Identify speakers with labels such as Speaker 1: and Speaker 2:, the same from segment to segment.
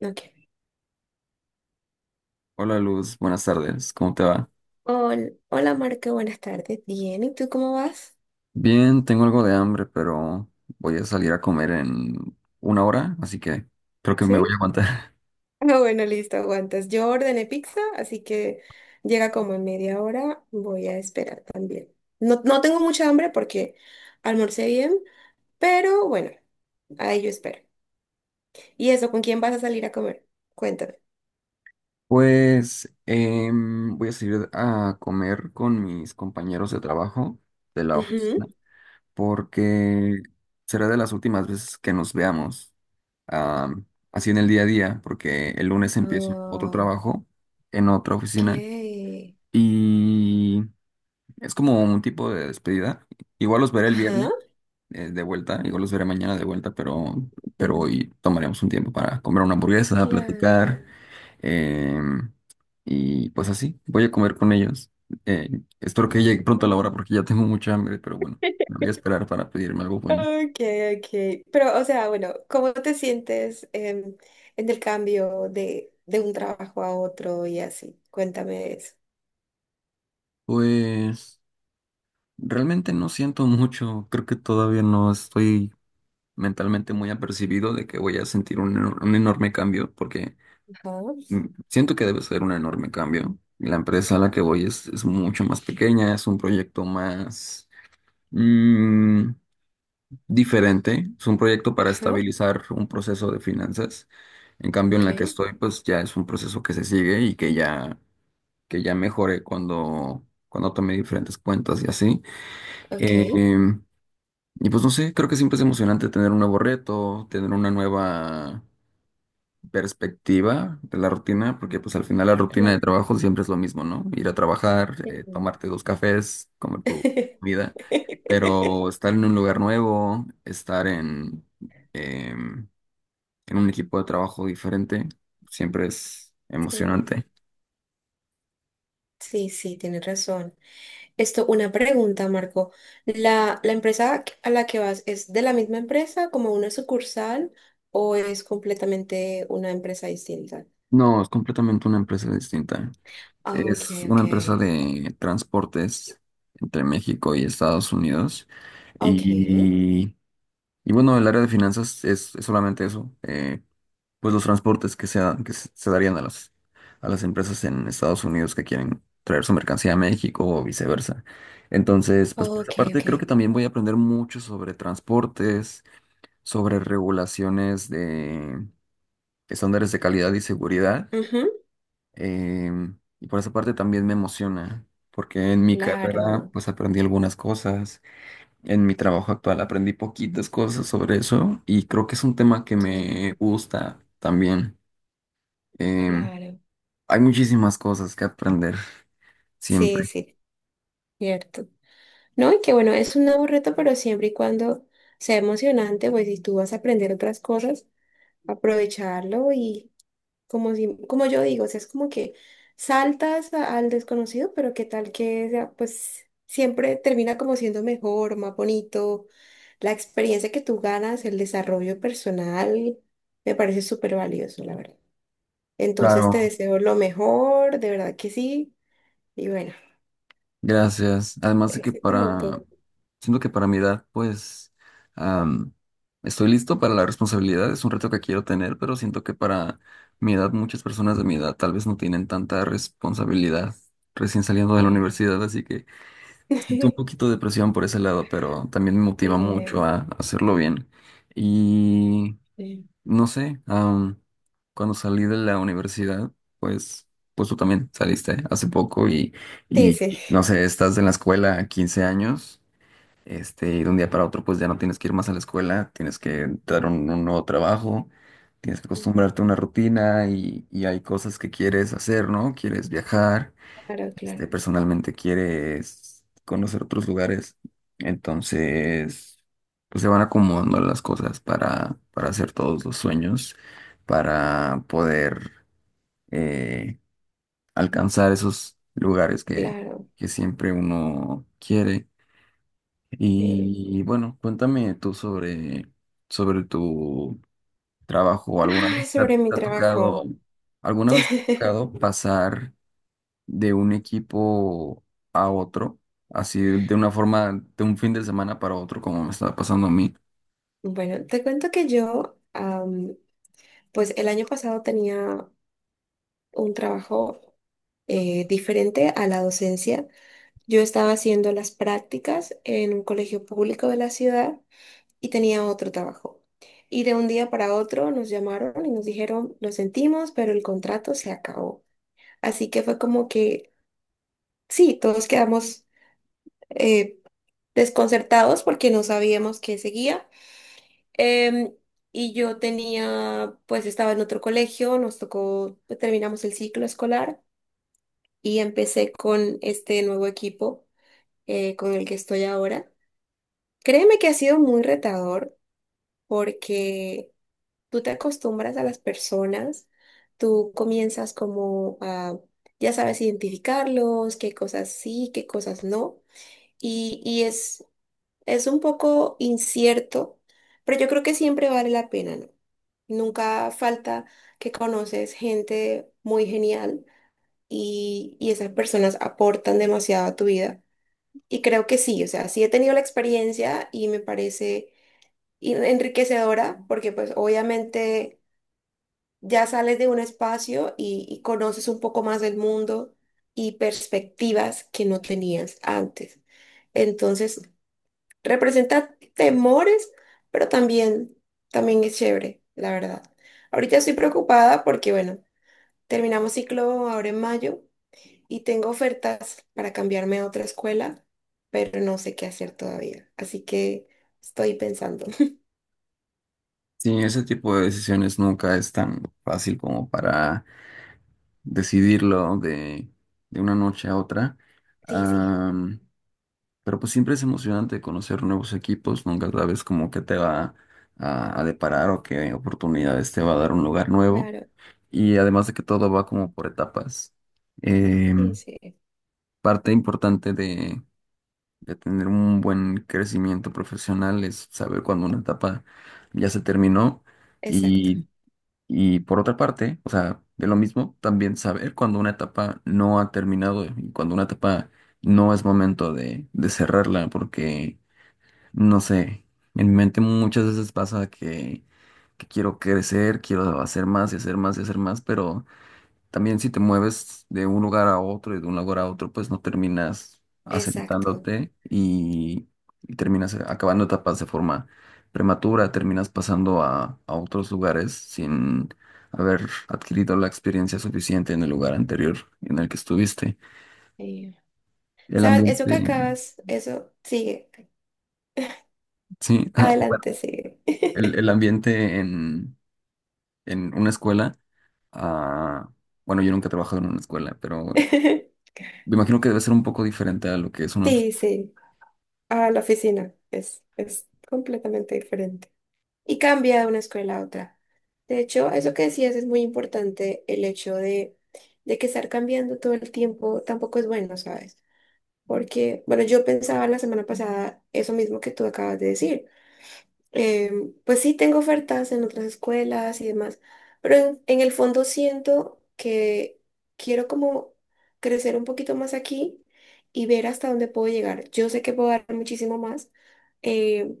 Speaker 1: Ok.
Speaker 2: Hola Luz, buenas tardes, ¿cómo te va?
Speaker 1: Hola Marco, buenas tardes. Bien, ¿y tú cómo vas?
Speaker 2: Bien, tengo algo de hambre, pero voy a salir a comer en una hora, así que creo que me voy
Speaker 1: ¿Sí?
Speaker 2: a aguantar.
Speaker 1: Ah, bueno, listo, aguantas. Yo ordené pizza, así que llega como en media hora. Voy a esperar también. No, no tengo mucha hambre porque almorcé bien, pero bueno, ahí yo espero. ¿Y eso, con quién vas a salir a comer? Cuéntame.
Speaker 2: Pues voy a salir a comer con mis compañeros de trabajo de la oficina, porque será de las últimas veces que nos veamos am, así en el día a día, porque el lunes empiezo otro
Speaker 1: Ujú. Ok.
Speaker 2: trabajo en otra oficina y es como un tipo de despedida. Igual los veré el viernes
Speaker 1: Ajá.
Speaker 2: de vuelta, igual los veré mañana de vuelta, pero
Speaker 1: Mm.
Speaker 2: hoy tomaremos un tiempo para comer una hamburguesa,
Speaker 1: Claro.
Speaker 2: platicar, em, y pues así, voy a comer con ellos. Eh, espero que llegue pronto la hora
Speaker 1: Ah.
Speaker 2: porque ya tengo mucha hambre, pero bueno, me voy a esperar para pedirme algo bueno.
Speaker 1: Ok, ok. Pero, o sea, bueno, ¿cómo te sientes, en el cambio de un trabajo a otro y así? Cuéntame eso.
Speaker 2: Pues realmente no siento mucho, creo que todavía no estoy mentalmente muy apercibido de que voy a sentir un enorme cambio porque...
Speaker 1: Ajá,
Speaker 2: Siento que debe ser un enorme cambio. La empresa a la que voy es mucho más pequeña, es un proyecto más mm, diferente, es un proyecto para
Speaker 1: ajá,
Speaker 2: estabilizar un proceso de finanzas. En cambio, en
Speaker 1: ok,
Speaker 2: la que estoy, pues ya es un proceso que se sigue y que que ya mejoré cuando tomé diferentes cuentas y así.
Speaker 1: ok.
Speaker 2: Eh, y pues no sé, creo que siempre es emocionante tener un nuevo reto, tener una nueva perspectiva de la rutina, porque pues al final la rutina de
Speaker 1: Claro.
Speaker 2: trabajo siempre es lo mismo, ¿no? Ir a trabajar,
Speaker 1: Sí.
Speaker 2: tomarte dos cafés, comer tu vida, pero estar en un lugar nuevo, estar em, en un equipo de trabajo diferente, siempre es
Speaker 1: Sí,
Speaker 2: emocionante.
Speaker 1: sí, sí, tienes razón. Esto, una pregunta, Marco. ¿La empresa a la que vas es de la misma empresa, como una sucursal, o es completamente una empresa distinta?
Speaker 2: No, es completamente una empresa distinta.
Speaker 1: Ah, ok,
Speaker 2: Es una
Speaker 1: ok.
Speaker 2: empresa de transportes entre México y Estados Unidos
Speaker 1: Ok,
Speaker 2: y... Y bueno, el área de finanzas es solamente eso, pues los transportes que se darían a las empresas en Estados Unidos que quieren traer su mercancía a México o viceversa. Entonces, pues por
Speaker 1: ok,
Speaker 2: esa parte
Speaker 1: ok.
Speaker 2: creo que también voy a aprender mucho sobre transportes, sobre regulaciones de estándares de calidad y seguridad.
Speaker 1: Ujú.
Speaker 2: Y por esa parte también me emociona, porque en mi carrera
Speaker 1: Claro,
Speaker 2: pues aprendí algunas cosas, en mi trabajo actual aprendí poquitas cosas sobre eso y creo que es un tema que me
Speaker 1: ya,
Speaker 2: gusta también. Em,
Speaker 1: claro.
Speaker 2: Hay muchísimas cosas que aprender
Speaker 1: Sí,
Speaker 2: siempre.
Speaker 1: sí, cierto. No, y que bueno, es un nuevo reto, pero siempre y cuando sea emocionante, pues si tú vas a aprender otras cosas, aprovecharlo y como si, como yo digo, o sea, es como que al desconocido, pero qué tal que sea, pues siempre termina como siendo mejor, más bonito. La experiencia que tú ganas, el desarrollo personal, me parece súper valioso, la verdad. Entonces te
Speaker 2: Claro,
Speaker 1: deseo lo mejor, de verdad que sí. Y bueno,
Speaker 2: gracias. Además de
Speaker 1: éxito en todo lo
Speaker 2: siento que para mi edad, pues, am, estoy listo para la responsabilidad. Es un reto que quiero tener, pero siento que para mi edad, muchas personas de mi edad tal vez no tienen tanta responsabilidad recién saliendo de la
Speaker 1: que-
Speaker 2: universidad. Así que siento un poquito de presión por ese lado, pero también me motiva
Speaker 1: Eh,
Speaker 2: mucho a hacerlo bien. Y
Speaker 1: sí,
Speaker 2: no sé, cuando salí de la universidad, pues, pues tú también saliste hace poco y,
Speaker 1: sí,
Speaker 2: y,
Speaker 1: sí.
Speaker 2: y, no sé, estás en la escuela 15 años, este, y de un día para otro pues ya no tienes que ir más a la escuela, tienes que dar un nuevo trabajo, tienes que acostumbrarte a una rutina y hay cosas que quieres hacer, ¿no? Quieres viajar,
Speaker 1: Claro,
Speaker 2: este,
Speaker 1: claro,
Speaker 2: personalmente quieres conocer otros lugares. Entonces, pues se van acomodando las cosas para hacer todos los sueños, para poder eh, alcanzar esos lugares que,
Speaker 1: claro.
Speaker 2: que siempre uno quiere.
Speaker 1: Sí.
Speaker 2: Y bueno, cuéntame tú sobre tu trabajo. ¿Alguna
Speaker 1: Ay,
Speaker 2: vez te ha,
Speaker 1: sobre mi
Speaker 2: te ha tocado,
Speaker 1: trabajo.
Speaker 2: alguna vez te ha tocado pasar de un equipo a otro, así de una forma, de un fin de semana para otro, como me está pasando a mí.
Speaker 1: Bueno, te cuento que yo, pues el año pasado tenía un trabajo, diferente a la docencia. Yo estaba haciendo las prácticas en un colegio público de la ciudad y tenía otro trabajo. Y de un día para otro nos llamaron y nos dijeron, lo sentimos, pero el contrato se acabó. Así que fue como que, sí, todos quedamos, eh, desconcertados porque no sabíamos qué seguía. Em, y yo tenía, pues estaba en otro colegio, nos tocó, pues, terminamos el ciclo escolar y empecé con este nuevo equipo, con el que estoy ahora. Créeme que ha sido muy retador porque tú te acostumbras a las personas, tú comienzas como a, ya sabes, identificarlos, qué cosas sí, qué cosas no, y es un poco incierto, pero yo creo que siempre vale la pena, ¿no? Nunca falta que conoces gente muy genial y esas personas aportan demasiado a tu vida. Y creo que sí, o sea, sí he tenido la experiencia y me parece enriquecedora porque pues obviamente ya sales de un espacio y conoces un poco más del mundo y perspectivas que no tenías antes. Entonces, representa temores, pero también, también es chévere, la verdad. Ahorita estoy preocupada porque, bueno, terminamos ciclo ahora en mayo y tengo ofertas para cambiarme a otra escuela, pero no sé qué hacer todavía. Así que estoy pensando.
Speaker 2: Sí, ese tipo de decisiones nunca es tan fácil como para decidirlo de una noche a otra.
Speaker 1: Sí, sí,
Speaker 2: Am, pero pues siempre es emocionante conocer nuevos equipos, nunca sabes como que te va a deparar o qué oportunidades te va a dar un lugar nuevo.
Speaker 1: claro,
Speaker 2: Y además de que todo va como por etapas.
Speaker 1: sí,
Speaker 2: Em,
Speaker 1: sí,
Speaker 2: parte importante de tener un buen crecimiento profesional es saber cuando una etapa ya se terminó
Speaker 1: exacto,
Speaker 2: y, y por otra parte, o sea, de lo mismo, también saber cuando una etapa no ha terminado y cuando una etapa no es momento de cerrarla, porque, no sé, en mi mente muchas veces pasa que, quiero crecer, quiero hacer más y hacer más y hacer más, pero. También si te mueves de un lugar a otro y de un lugar a otro, pues no terminas
Speaker 1: exacto.
Speaker 2: asentándote y terminas acabando etapas de forma prematura, terminas pasando a otros lugares sin haber adquirido la experiencia suficiente en el lugar anterior en el que estuviste.
Speaker 1: Eh,
Speaker 2: El
Speaker 1: ¿sabes? Eso que
Speaker 2: ambiente,
Speaker 1: acabas, eso sigue.
Speaker 2: sí. Ah, bueno,
Speaker 1: Adelante, sigue.
Speaker 2: el ambiente en una escuela. Ah, bueno, yo nunca he trabajado en una escuela, pero me imagino que debe ser un poco diferente a lo que es una.
Speaker 1: Sí, sí, a la oficina. Es completamente diferente. Y cambia de una escuela a otra. De hecho, eso que decías es muy importante, el hecho de que estar cambiando todo el tiempo tampoco es bueno, ¿sabes? Porque, bueno, yo pensaba la semana pasada eso mismo que tú acabas de decir. Eh, pues sí, tengo ofertas en otras escuelas y demás, pero en el fondo siento que quiero como crecer un poquito más aquí y ver hasta dónde puedo llegar. Yo sé que puedo dar muchísimo más, eh,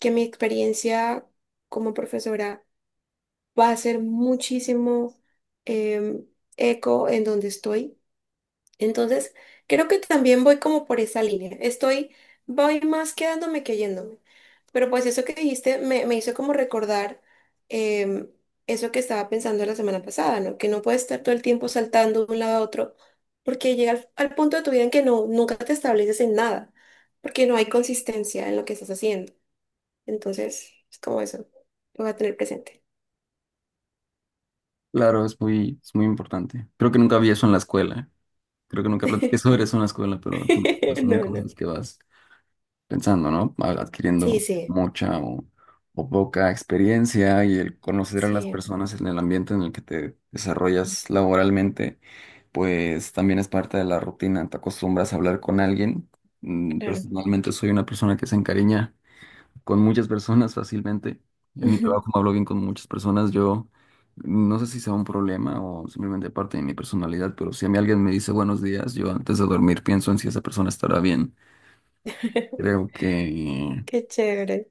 Speaker 1: que mi experiencia como profesora va a ser muchísimo, em, eco en donde estoy. Entonces, creo que también voy como por esa línea. Estoy, voy más quedándome que yéndome. Pero pues eso que dijiste me, me hizo como recordar, em, eso que estaba pensando la semana pasada, ¿no? Que no puedes estar todo el tiempo saltando de un lado a otro, porque llega al punto de tu vida en que no, nunca te estableces en nada, porque no hay consistencia en lo que estás haciendo. Entonces, es como eso. Lo voy a tener presente.
Speaker 2: Claro, es muy importante. Creo que nunca vi eso en la escuela. Creo que nunca platiqué sobre eso en la escuela, pero pues son
Speaker 1: No, no.
Speaker 2: cosas que vas pensando, ¿no? Al-
Speaker 1: Sí,
Speaker 2: Adquiriendo
Speaker 1: sí,
Speaker 2: mucha o poca experiencia y el conocer a las
Speaker 1: sí,
Speaker 2: personas en el ambiente en el que te desarrollas laboralmente, pues también es parte de la rutina. Te acostumbras a hablar con alguien.
Speaker 1: claro.
Speaker 2: Personalmente soy una persona que se encariña con muchas personas fácilmente. En mi trabajo, como hablo bien con muchas personas, yo no sé si sea un problema o simplemente parte de mi personalidad, pero si a mí alguien me dice buenos días, yo antes de dormir pienso en si esa persona estará bien. Creo que,
Speaker 1: Qué chévere.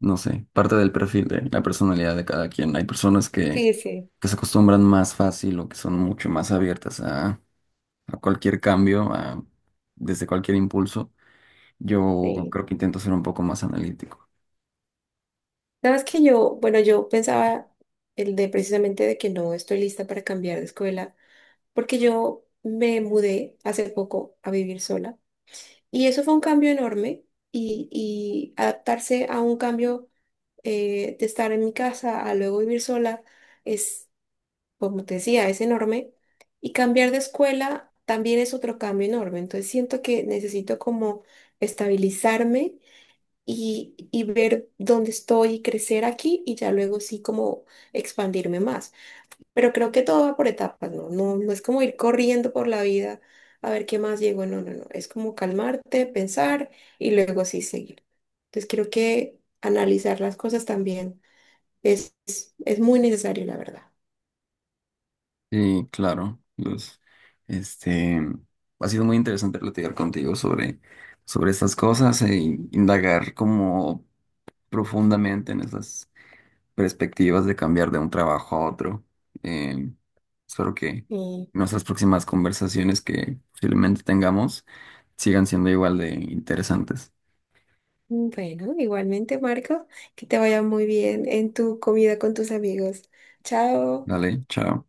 Speaker 2: no sé, parte del perfil de la personalidad de cada quien. Hay personas que,
Speaker 1: Sí, sí,
Speaker 2: que se acostumbran más fácil o que son mucho más abiertas a cualquier cambio, desde cualquier impulso. Yo
Speaker 1: sí.
Speaker 2: creo que intento ser un poco más analítico.
Speaker 1: Sabes que yo, bueno, yo pensaba el de precisamente de que no estoy lista para cambiar de escuela, porque yo me mudé hace poco a vivir sola y eso fue un cambio enorme y adaptarse a un cambio, de estar en mi casa a luego vivir sola es, como te decía, es enorme y cambiar de escuela también es otro cambio enorme. Entonces siento que necesito como estabilizarme y ver dónde estoy y crecer aquí y ya luego sí como expandirme más. Pero creo que todo va por etapas, ¿no? No, no es como ir corriendo por la vida a ver qué más llego, no, no, no, es como calmarte, pensar y luego sí seguir. Entonces creo que analizar las cosas también es muy necesario, la verdad.
Speaker 2: Sí, claro. Luz, este, ha sido muy interesante platicar contigo sobre estas cosas e indagar como profundamente en esas perspectivas de cambiar de un trabajo a otro. Eh, espero que
Speaker 1: Y
Speaker 2: nuestras próximas conversaciones que posiblemente tengamos sigan siendo igual de interesantes.
Speaker 1: bueno, igualmente, Marco, que te vaya muy bien en tu comida con tus amigos. Chao.
Speaker 2: Dale, chao.